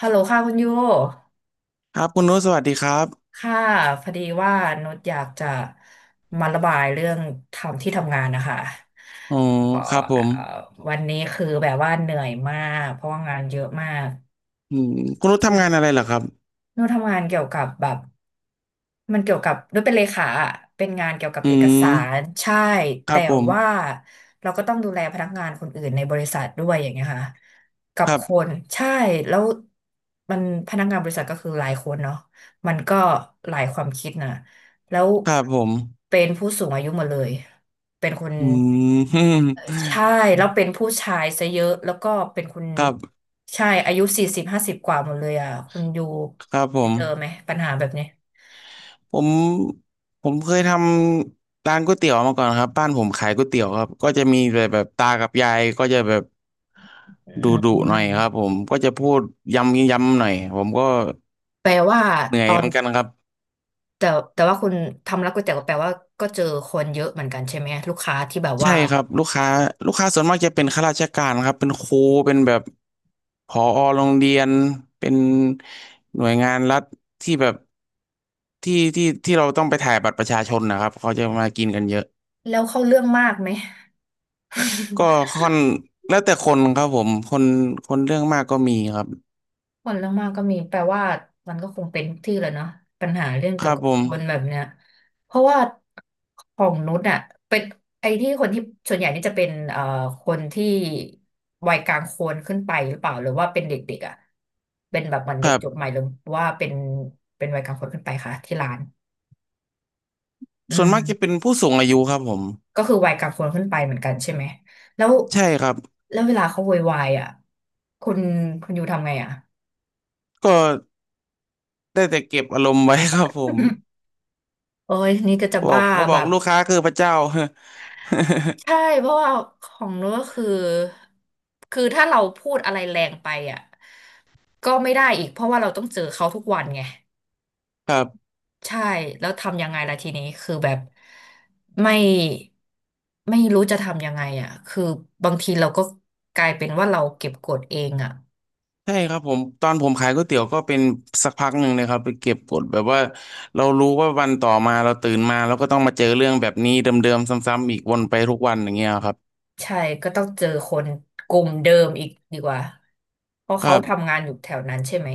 ฮัลโหลค่ะคุณยู ครับคุณนุชสวัสดีครับค่ะพอดีว่านุชอยากจะมาระบายเรื่องทำที่ทำงานนะคะอ๋อเอ่อครับผมเอ่อวันนี้คือแบบว่าเหนื่อยมากเพราะว่างานเยอะมาก อืมคุณนุชทำงานอะไรเหรอครับนุชทำงานเกี่ยวกับแบบ มันเกี่ยวกับด้วยเป็นเลขาอะเป็นงานเกี่ยวกับอืเอกมสารใช่ครัแต่บผมว่าเราก็ต้องดูแลพนักงานคนอื่นในบริษัทด้วยอย่างเงี้ยค่ะกับครับคนใช่แล้วมันพนักงานบริษัทก็คือหลายคนเนาะมันก็หลายความคิดนะแล้วครับผมเป็นผู้สูงอายุหมดเลยเป็นคนอืม ใช่แล้วเป็นผู้ชายซะเยอะแล้วก็เป็นคุณครับใช่อายุสี่สิบห้าสิบกว่าหมดเลยอ่ะคุณอยู่ครับไปเจอไหมปัญหาแบบนี้ ผมผมเคยทำร้านก๋วยเตี๋ยวมาก่อนครับบ้านผมขายก๋วยเตี๋ยวครับก็จะมีแบบตากับยายก็จะแบบอืดุดุหน่อยครับมผมก็จะพูดย้ำย้ำหน่อยผมก็แปลว่าเหนื่อตยอเหนมือนกันครับ แต่แต่ว่าคุณทำร้านก๋วยเตี๋ยวแปลว่าก็เจอคนเยอะเหมือนกันใช่ไหมลูกค้าที่แบบใช่ว่าครับลูกค้าส่วนมากจะเป็นข้าราชการครับเป็นครูเป็นแบบผอโรงเรียนเป็นหน่วยงานรัฐที่แบบที่เราต้องไปถ่ายบัตรประชาชนนะครับเขาจะมากินกันเยอะแล้วเข้าเรื่องมากไหมก็ค่อนแล้วแต่คนครับผมคนเรื่องมากก็มีครับคนเรื่องมากก็มีแปลว่ามันก็คงเป็นทุกที่แหละเนาะปัญหาเรื่องคเกี่ยรัวบกับผมคนแบบเนี้ยเพราะว่าของนุชอะเป็นไอ้ที่คนที่ส่วนใหญ่นี่จะเป็นคนที่วัยกลางคนขึ้นไปหรือเปล่าหรือว่าเป็นเด็กๆอะเป็นแบบเหมือนคเด็กรัจบบใหม่หรือว่าเป็นวัยกลางคนขึ้นไปคะที่ร้านอืส่วนมากจะเป็ม นผู้สูงอายุครับผมก็คือวัยกลางคนขึ้นไปเหมือนกันใช่ไหมแล้วใช่ครับแล้วเวลาเขาโวยวายอ่ะคุณคุณอยูทำไงอ่ะก็ได้แต่เก็บอารมณ์ไว้ครับผมโอ้ยนี่ก็จะบอกบ้าเขาบอแบกบลูกค้าคือพระเจ้า ใช่เพราะว่าของนู้นก็คือคือถ้าเราพูดอะไรแรงไปอ่ะก็ไม่ได้อีกเพราะว่าเราต้องเจอเขาทุกวันไงครับ ใช่แล้วทำยังไงล่ะทีนี้คือแบบไม่ไม่รู้จะทำยังไงอ่ะคือบางทีเราก็กลายเป็นว่าเราเก็บกดเองอ่ะ ใช่ครับผมตอนผมขายก๋วยเตี๋ยวก็เป็นสักพักหนึ่งเลยครับไปเก็บกดแบบว่าเรารู้ว่าวันต่อมาเราตื่นมาเราก็ต้องมาเจอเรื่องแบบนี้เดิมๆซ้ำๆอีกวนไปทุกวันอย่างเงี้ยครับใช่ก็ต้องเจอคนกลุ่มเดิมอีกดีกว่าเพราะครัเขาทำบงานอยู่แถวนั้นใช่ไหม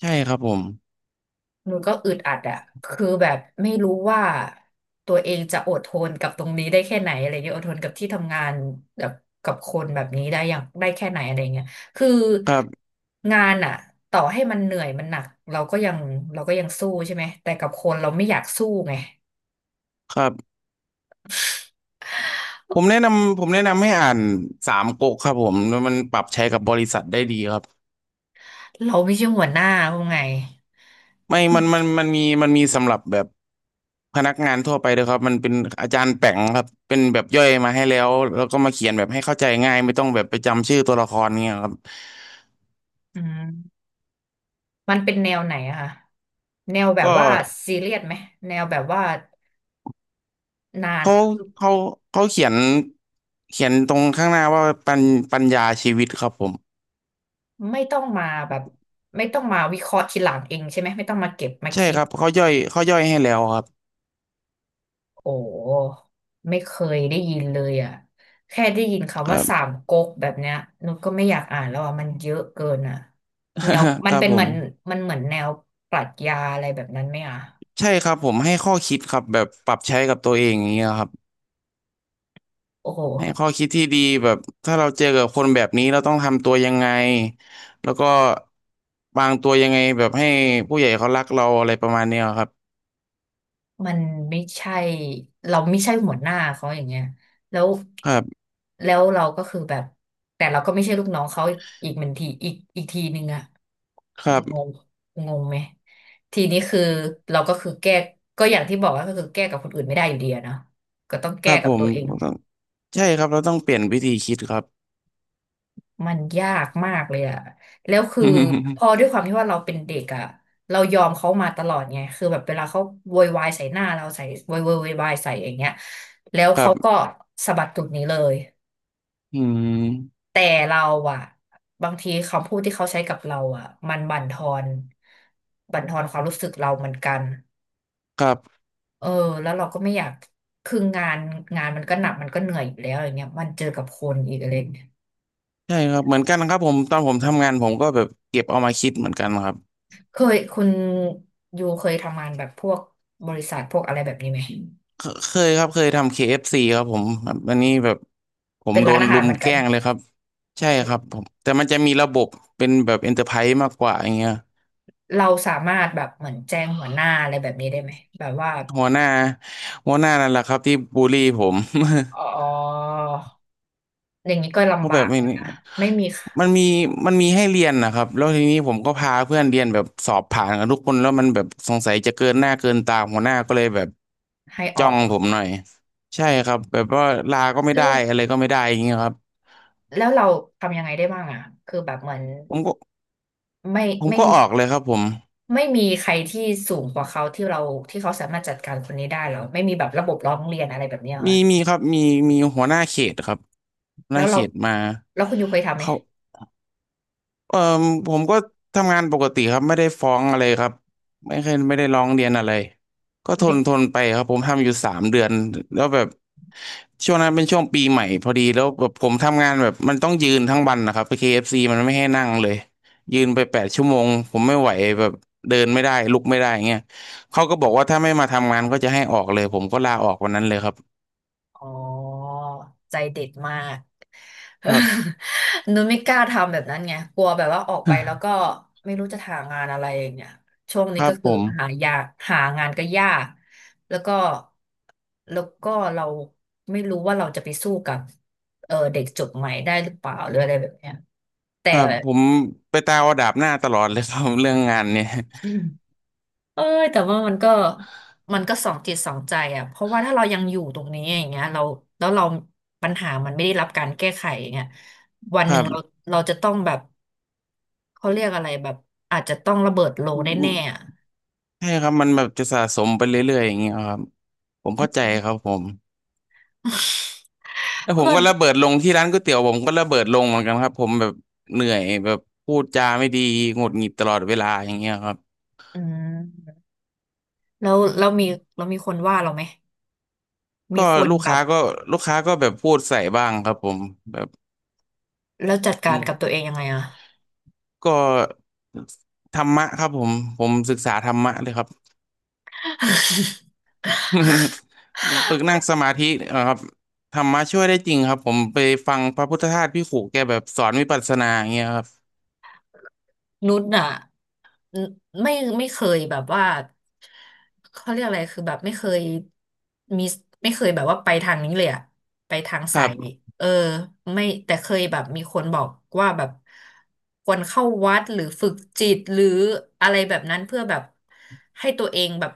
ใช่ครับผมมันูก็อึดอัดอะคือแบบไม่รู้ว่าตัวเองจะอดทนกับตรงนี้ได้แค่ไหนอะไรเงี้ยอดทนกับที่ทำงานแบบกับคนแบบนี้ได้อย่างได้แค่ไหนอะไรเงี้ยคือครับงานอะต่อให้มันเหนื่อยมันหนักเราก็ยังเราก็ยังสู้ใช่ไหมแต่กับคนเราไม่อยากสู้ไงครับผมแนะนำให้อ่านสามก๊กครับผมแล้วมันปรับใช้กับบริษัทได้ดีครับเราไม่ใช่หัวหน้าเขาไงไม่มันมีสำหรับแบบพนักงานทั่วไปด้วยครับมันเป็นอาจารย์แป๋งครับเป็นแบบย่อยมาให้แล้วแล้วก็มาเขียนแบบให้เข้าใจง่ายไม่ต้องแบบไปจำชื่อตัวละครเงี้ยครับอืม มันเป็นแนวไหนอะคะแนวแบบก็ ว่าซีเรียสไหมแนวแบบว่านานเขาคือเขาเขาเขียนเขียนตรงข้างหน้าว่าปัญญาชีวิตครับผมไม่ต้องมาแบบไม่ต้องมาวิเคราะห์ทีหลังเองใช่ไหมไม่ต้องมาเก็บมาใช่คิคดรับเขาย่อยให้แล้วครับโอ้ไม่เคยได้ยินเลยอะแค่ได้ยินคคำว่ารัสาบ มก๊กแบบเนี้ยนุชก็ไม่อยากอ่านแล้วอะมันเยอะเกินอะแนว คมันรับเป็นผเหมือนมมันเหมือนแนวปรัชญาอะไรแบบนั้นไหมอะใช่ครับผมให้ข้อคิดครับแบบปรับใช้กับตัวเองอย่างเงี้ยครับโอ้โห ให้ข้อคิดที่ดีแบบถ้าเราเจอกับคนแบบนี้เราต้องทำตัวยังไงแล้วก็วางตัวยังไงแบบให้ผู้ใหญ่เขารักเราอะไรประมาณเนี้ยครับมันไม่ใช่เราไม่ใช่หัวหน้าเขาอย่างเงี้ยแล้วครับแล้วเราก็คือแบบแต่เราก็ไม่ใช่ลูกน้องเขาอีกเหมือนทีอีกทีหนึ่งอะครังบงงงไหมทีนี้คือเราก็คือแก้ก็อย่างที่บอกว่าก็คือแก้กับคนอื่นไม่ได้อยู่ดีอะเนาะก็ต้องคแก้รับกัผบมตัวเอง ต้องใช่ครับเราต้องเปลี่ยนวิธีคิดครับ มันยากมากเลยอะแล้วคือพ อด้วยความที่ว่าเราเป็นเด็กอะเรายอมเขามาตลอดไงคือแบบเวลาเขาโวยวายใส่หน้าเราใส่โวยวายใส่อย่างเงี้ยแล้วครัเขาบ ก็สะบัดตูดหนี้เลยอืมแต่เราอะบางทีคำพูดที่เขาใช้กับเราอะมันบั่นทอนความรู้สึกเราเหมือนกันครับเออแล้วเราก็ไม่อยากคืองานงานมันก็หนักมันก็เหนื่อยอยู่แล้วอย่างเงี้ยมันเจอกับคนอีกอะไรอย่างเงี้ย ใช่ครับเหมือนกันครับผมตอนผมทำงานผมก็แบบเก็บเอามาคิดเหมือนกันครับเคยคุณยูเคยทำงานแบบพวกบริษัทพวกอะไรแบบนี้ไหมเคเคยครับเคยทำ KFC คเอฟซีครับผมแบบอันนี้แบบผมเป็นโดร้านนอารุหารมเหมือนแกกันล้งเลยครับใช่เป็คนรับผมแต่มันจะมีระบบเป็นแบบเอ็นเตอร์ไพรส์มากกว่าอย่างเงี้ยเราสามารถแบบเหมือนแจ้งหัวหน้าอะไรแบบนี้ได้ไหมแบบว่าหัวหน้าหัวหน้านั่นแหละครับที่บูลลี่ผม อ๋ ออย่างนี้ก็ก็ลำบาแบบกมัเลนยนะไม่มีมันมีมันมีให้เรียนนะครับแล้วทีนี้ผมก็พาเพื่อนเรียนแบบสอบผ่านกันทุกคนแล้วมันแบบสงสัยจะเกินหน้าเกินตาหัวหน้าก็เลยแบบให้อจ้ออกงอะผมหน่อยใช่ครับแบบว่าลาก็ไม่แล้ได้วอะไรก็ไม่ได้อย่างเงี้ยครับแล้วเราทำยังไงได้บ้างอ่ะคือแบบเหมือนผมก็ไม่ผมไม่ก็ออกเลยครับผมไม่มีใครที่สูงกว่าเขาที่เราที่เขาสามารถจัดการคนนี้ได้เหรอไม่มีแบบระบบร้องเรียนอะไรแบบเนี้ยเหรมีอมีครับมีหัวหน้าเขตครับหัวหแล้น้าวเขเราตมาแล้วคุณยูเคยทำไหม เขา เออผมก็ทำงานปกติครับไม่ได้ฟ้องอะไรครับไม่เคยไม่ได้ร้องเรียนอะไรก็ทนทนไปครับผมทำอยู่3 เดือนแล้วแบบช่วงนั้นเป็นช่วงปีใหม่พอดีแล้วแบบผมทำงานแบบมันต้องยืนทั้งวันนะครับไป KFC มันไม่ให้นั่งเลยยืนไป8 ชั่วโมงผมไม่ไหวแบบเดินไม่ได้ลุกไม่ได้เงี้ยเขาก็บอกว่าถ้าไม่มาทำงานก็จะให้ออกเลยผมก็ลาออกวันนั้นเลยครับอ๋อใจเด็ดมาก ครับ นุ้นไม่กล้าทำแบบนั้นไงกลัวแบบว่าออกไปแล้วก็ ไม่รู้จะหางานอะไรอย่างเงี้ยช่วงคนี้รัก็บผคือมหายากหางานก็ยากแล้วก็แล้วก็เราไม่รู้ว่าเราจะไปสู้กับเออเด็กจบใหม่ได้หรือเปล่าหรืออะไรแบบเนี้ยแต่ ครับผมไปตาวดาบหน้าตลอดเลยครับ เรื่องงานเนี่ย เอ้ยแต่ว่ามันก็สองจิตสองใจอ่ะเพราะว่าถ้าเรายังอยู่ตรงนี้อย่างเงี้ยเราปัญหามันไม่ได้รับการแก้ไขอย่างเงี้ยวันหนึ่งเราจะต้องแบบเขาเรียกอะไรแบบอาจจะต้องระเบิดโลแน่ๆอะ ใช่ครับมันแบบจะสะสมไปเรื่อยๆอย่างเงี้ยครับผมเข้าใจครับผมอืม แล้ วผมเพื่อนก็ระเบิดลงที่ร้านก๋วยเตี๋ยวผมก็ระเบิดลงเหมือนกันครับผมแบบเหนื่อยแบบพูดจาไม่ดีหงุดหงิดตลอดเวลาอย่างเงี้ยครับอืมแล้วเรามีคนว่าเราไหมมีก็คนลูกแบค้าบก็ลูกค้าก็แบบพูดใส่บ้างครับผมแบบแล้วจัดอืการมกับตัวเองยังไงอ่ะ ก็ธรรมะครับผมผมศึกษาธรรมะเลยครับ ฝึกนั่งสมาธิครับธรรมะช่วยได้จริงครับผมไปฟังพระพุทธทาสพี่ขู่แกแบบสอนวิปัสสนาอย่างเงี้ยครับนุชอ่ะนไม่ไม่เคยแบบว่าเขาเรียกอะไรคือแบบไม่เคยมีไม่เคยแบบว่าไปทางนี้เลยอะไปทางคสารัยบ เออไม่แต่เคยแบบมีคนบอกว่าแบบควรเข้าวัดหรือฝึกจิตหรืออะไรแบบนั้นเพื่อแบบให้ตัวเองแบบ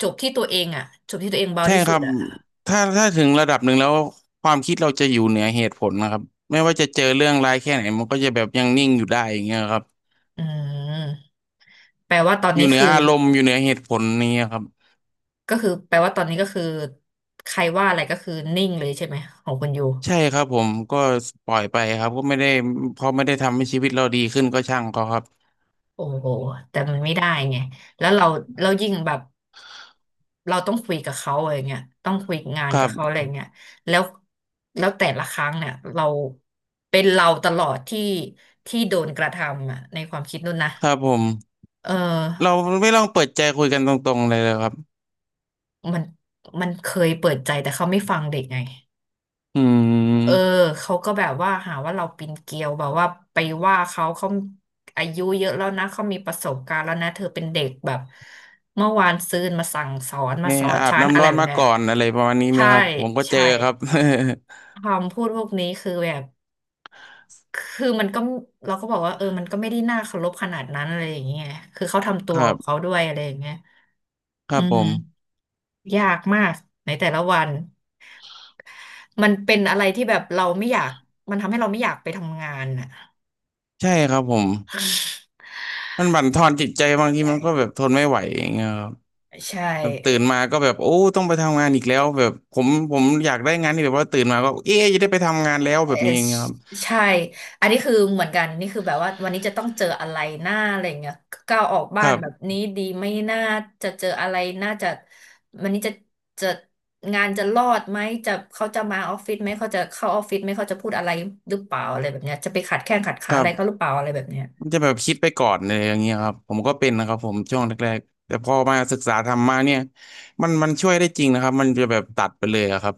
จบที่ตัวเองอะจบที่ตัวเองเบาใช่ที่คสุรัดบอะถ้าถึงระดับหนึ่งแล้วความคิดเราจะอยู่เหนือเหตุผลนะครับไม่ว่าจะเจอเรื่องร้ายแค่ไหนมันก็จะแบบยังนิ่งอยู่ได้อย่างเงี้ยครับอืมแปลว่าตอนอยู่นี้เหนือคืออารมณ์อยู่เหนือเหตุผลนี้ยครับก็คือแปลว่าตอนนี้ก็คือใครว่าอะไรก็คือนิ่งเลยใช่ไหมของคุณยู ใช่ครับผมก็ปล่อยไปครับก็ไม่ได้พอไม่ได้ทำให้ชีวิตเราดีขึ้นก็ช่างเขาครับโอ้โหแต่มันไม่ได้ไงแล้วเราเรายิ่งแบบเราต้องคุยกับเขาอะไรเงี้ยต้องคุยงานครักับเขาอะไรบเงี้ยแล้วแล้วแต่ละครั้งเนี่ยเราเป็นเราตลอดที่โดนกระทำอ่ะในความคิดนู่นนะครับผมเอเราอไม่ลองเปิดใจคุยกันตรงๆเลยครับมันมันเคยเปิดใจแต่เขาไม่ฟังเด็กไง อืเออมเขาก็แบบว่าหาว่าเราปีนเกลียวแบบว่าไปว่าเขาอายุเยอะแล้วนะเขามีประสบการณ์แล้วนะเธอเป็นเด็กแบบเมื่อวานซืนมาสั่งสอนมาเนี่สยอนอาบฉันอะน้ำไรร้อนแบบมาเนี้ยก่อนอะไรประมาณนี้ไหมใช่ครับผมก็เจอใช่ครับ คำพูดพวกนี้คือแบบคือมันก็เราก็บอกว่าเออมันก็ไม่ได้น่าเคารพขนาดนั้นอะไรอย่างเงี้ยคือเขาทำตั ควรัขบองเขาด้วยอะไรอย่างเงี้ยคอืรับผมมยากมากในแต่ละวันมันเป็นอะไรที่แบบเราไม่อยากมันทำให้เราไม่อยากไปทำงานอ่ะ ใช่ครับผม มันบั่นทอนจิตใจบางทีมันก็แบบทนไม่ไหวอย่างเงี้ยครับใชแบบตื่น่มาก็แบบโอ้ต้องไปทำงานอีกแล้วแบบผมอยากได้งานที่แบบว่าตื่นมาก็เอ๊ะจะได้ไปทำงานแล้วเอ่แบอบนี้อย่างเงี้ยครับใช่อันนี้คือเหมือนกันนี่คือแบบว่าวันนี้จะต้องเจออะไรหน้าอะไรเงี้ยก้าวออกคบ้านรับแบบนี้ดีไม่น่าจะเจออะไรน่าจะวันนี้จะงานจะรอดไหมจะเขาจะมาออฟฟิศไหมเขาจะเข้าออฟฟิศไหมเขาจะพูดอะไรหรือเปล่าอะไรแบบเนี้ยจะไปขัดแข้งขัดคขารัอะไรเขาหบรือเปล่าอะไรแบบเนี้ย มันจะแบบคิดไปก่อนเลยอย่างเงี้ยครับผมก็เป็นนะครับผมช่วงแรกๆแต่พอมาศึกษาธรรมะเนี่ยมันช่วยได้จริงนะครับมันจะแบบตัดไปเลยอะครับ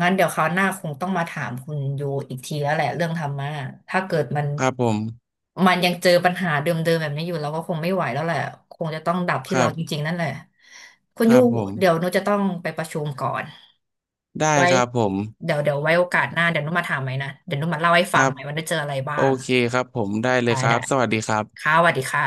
งั้นเดี๋ยวคราวหน้าคงต้องมาถามคุณยูอีกทีแล้วแหละเรื่องธรรมะถ้าเกิดมันครับผมมันยังเจอปัญหาเดิมๆแบบนี้อยู่เราก็คงไม่ไหวแล้วแหละคงจะต้องดับคที่รัเราบจริงๆนั่นแหละคุณคยูรับผมเดี๋ยวหนูจะต้องไปประชุมก่อนได้ไว้ครับผมเดี๋ยวไว้โอกาสหน้าเดี๋ยวหนูมาถามไหมนะเดี๋ยวหนูมาเล่าให้คฟัรังบไหมว่าได้เจออะไรบ้าโองเคครับผมได้เลได้ยครัได้บสวัสดีครับค่ะสวัสดีค่ะ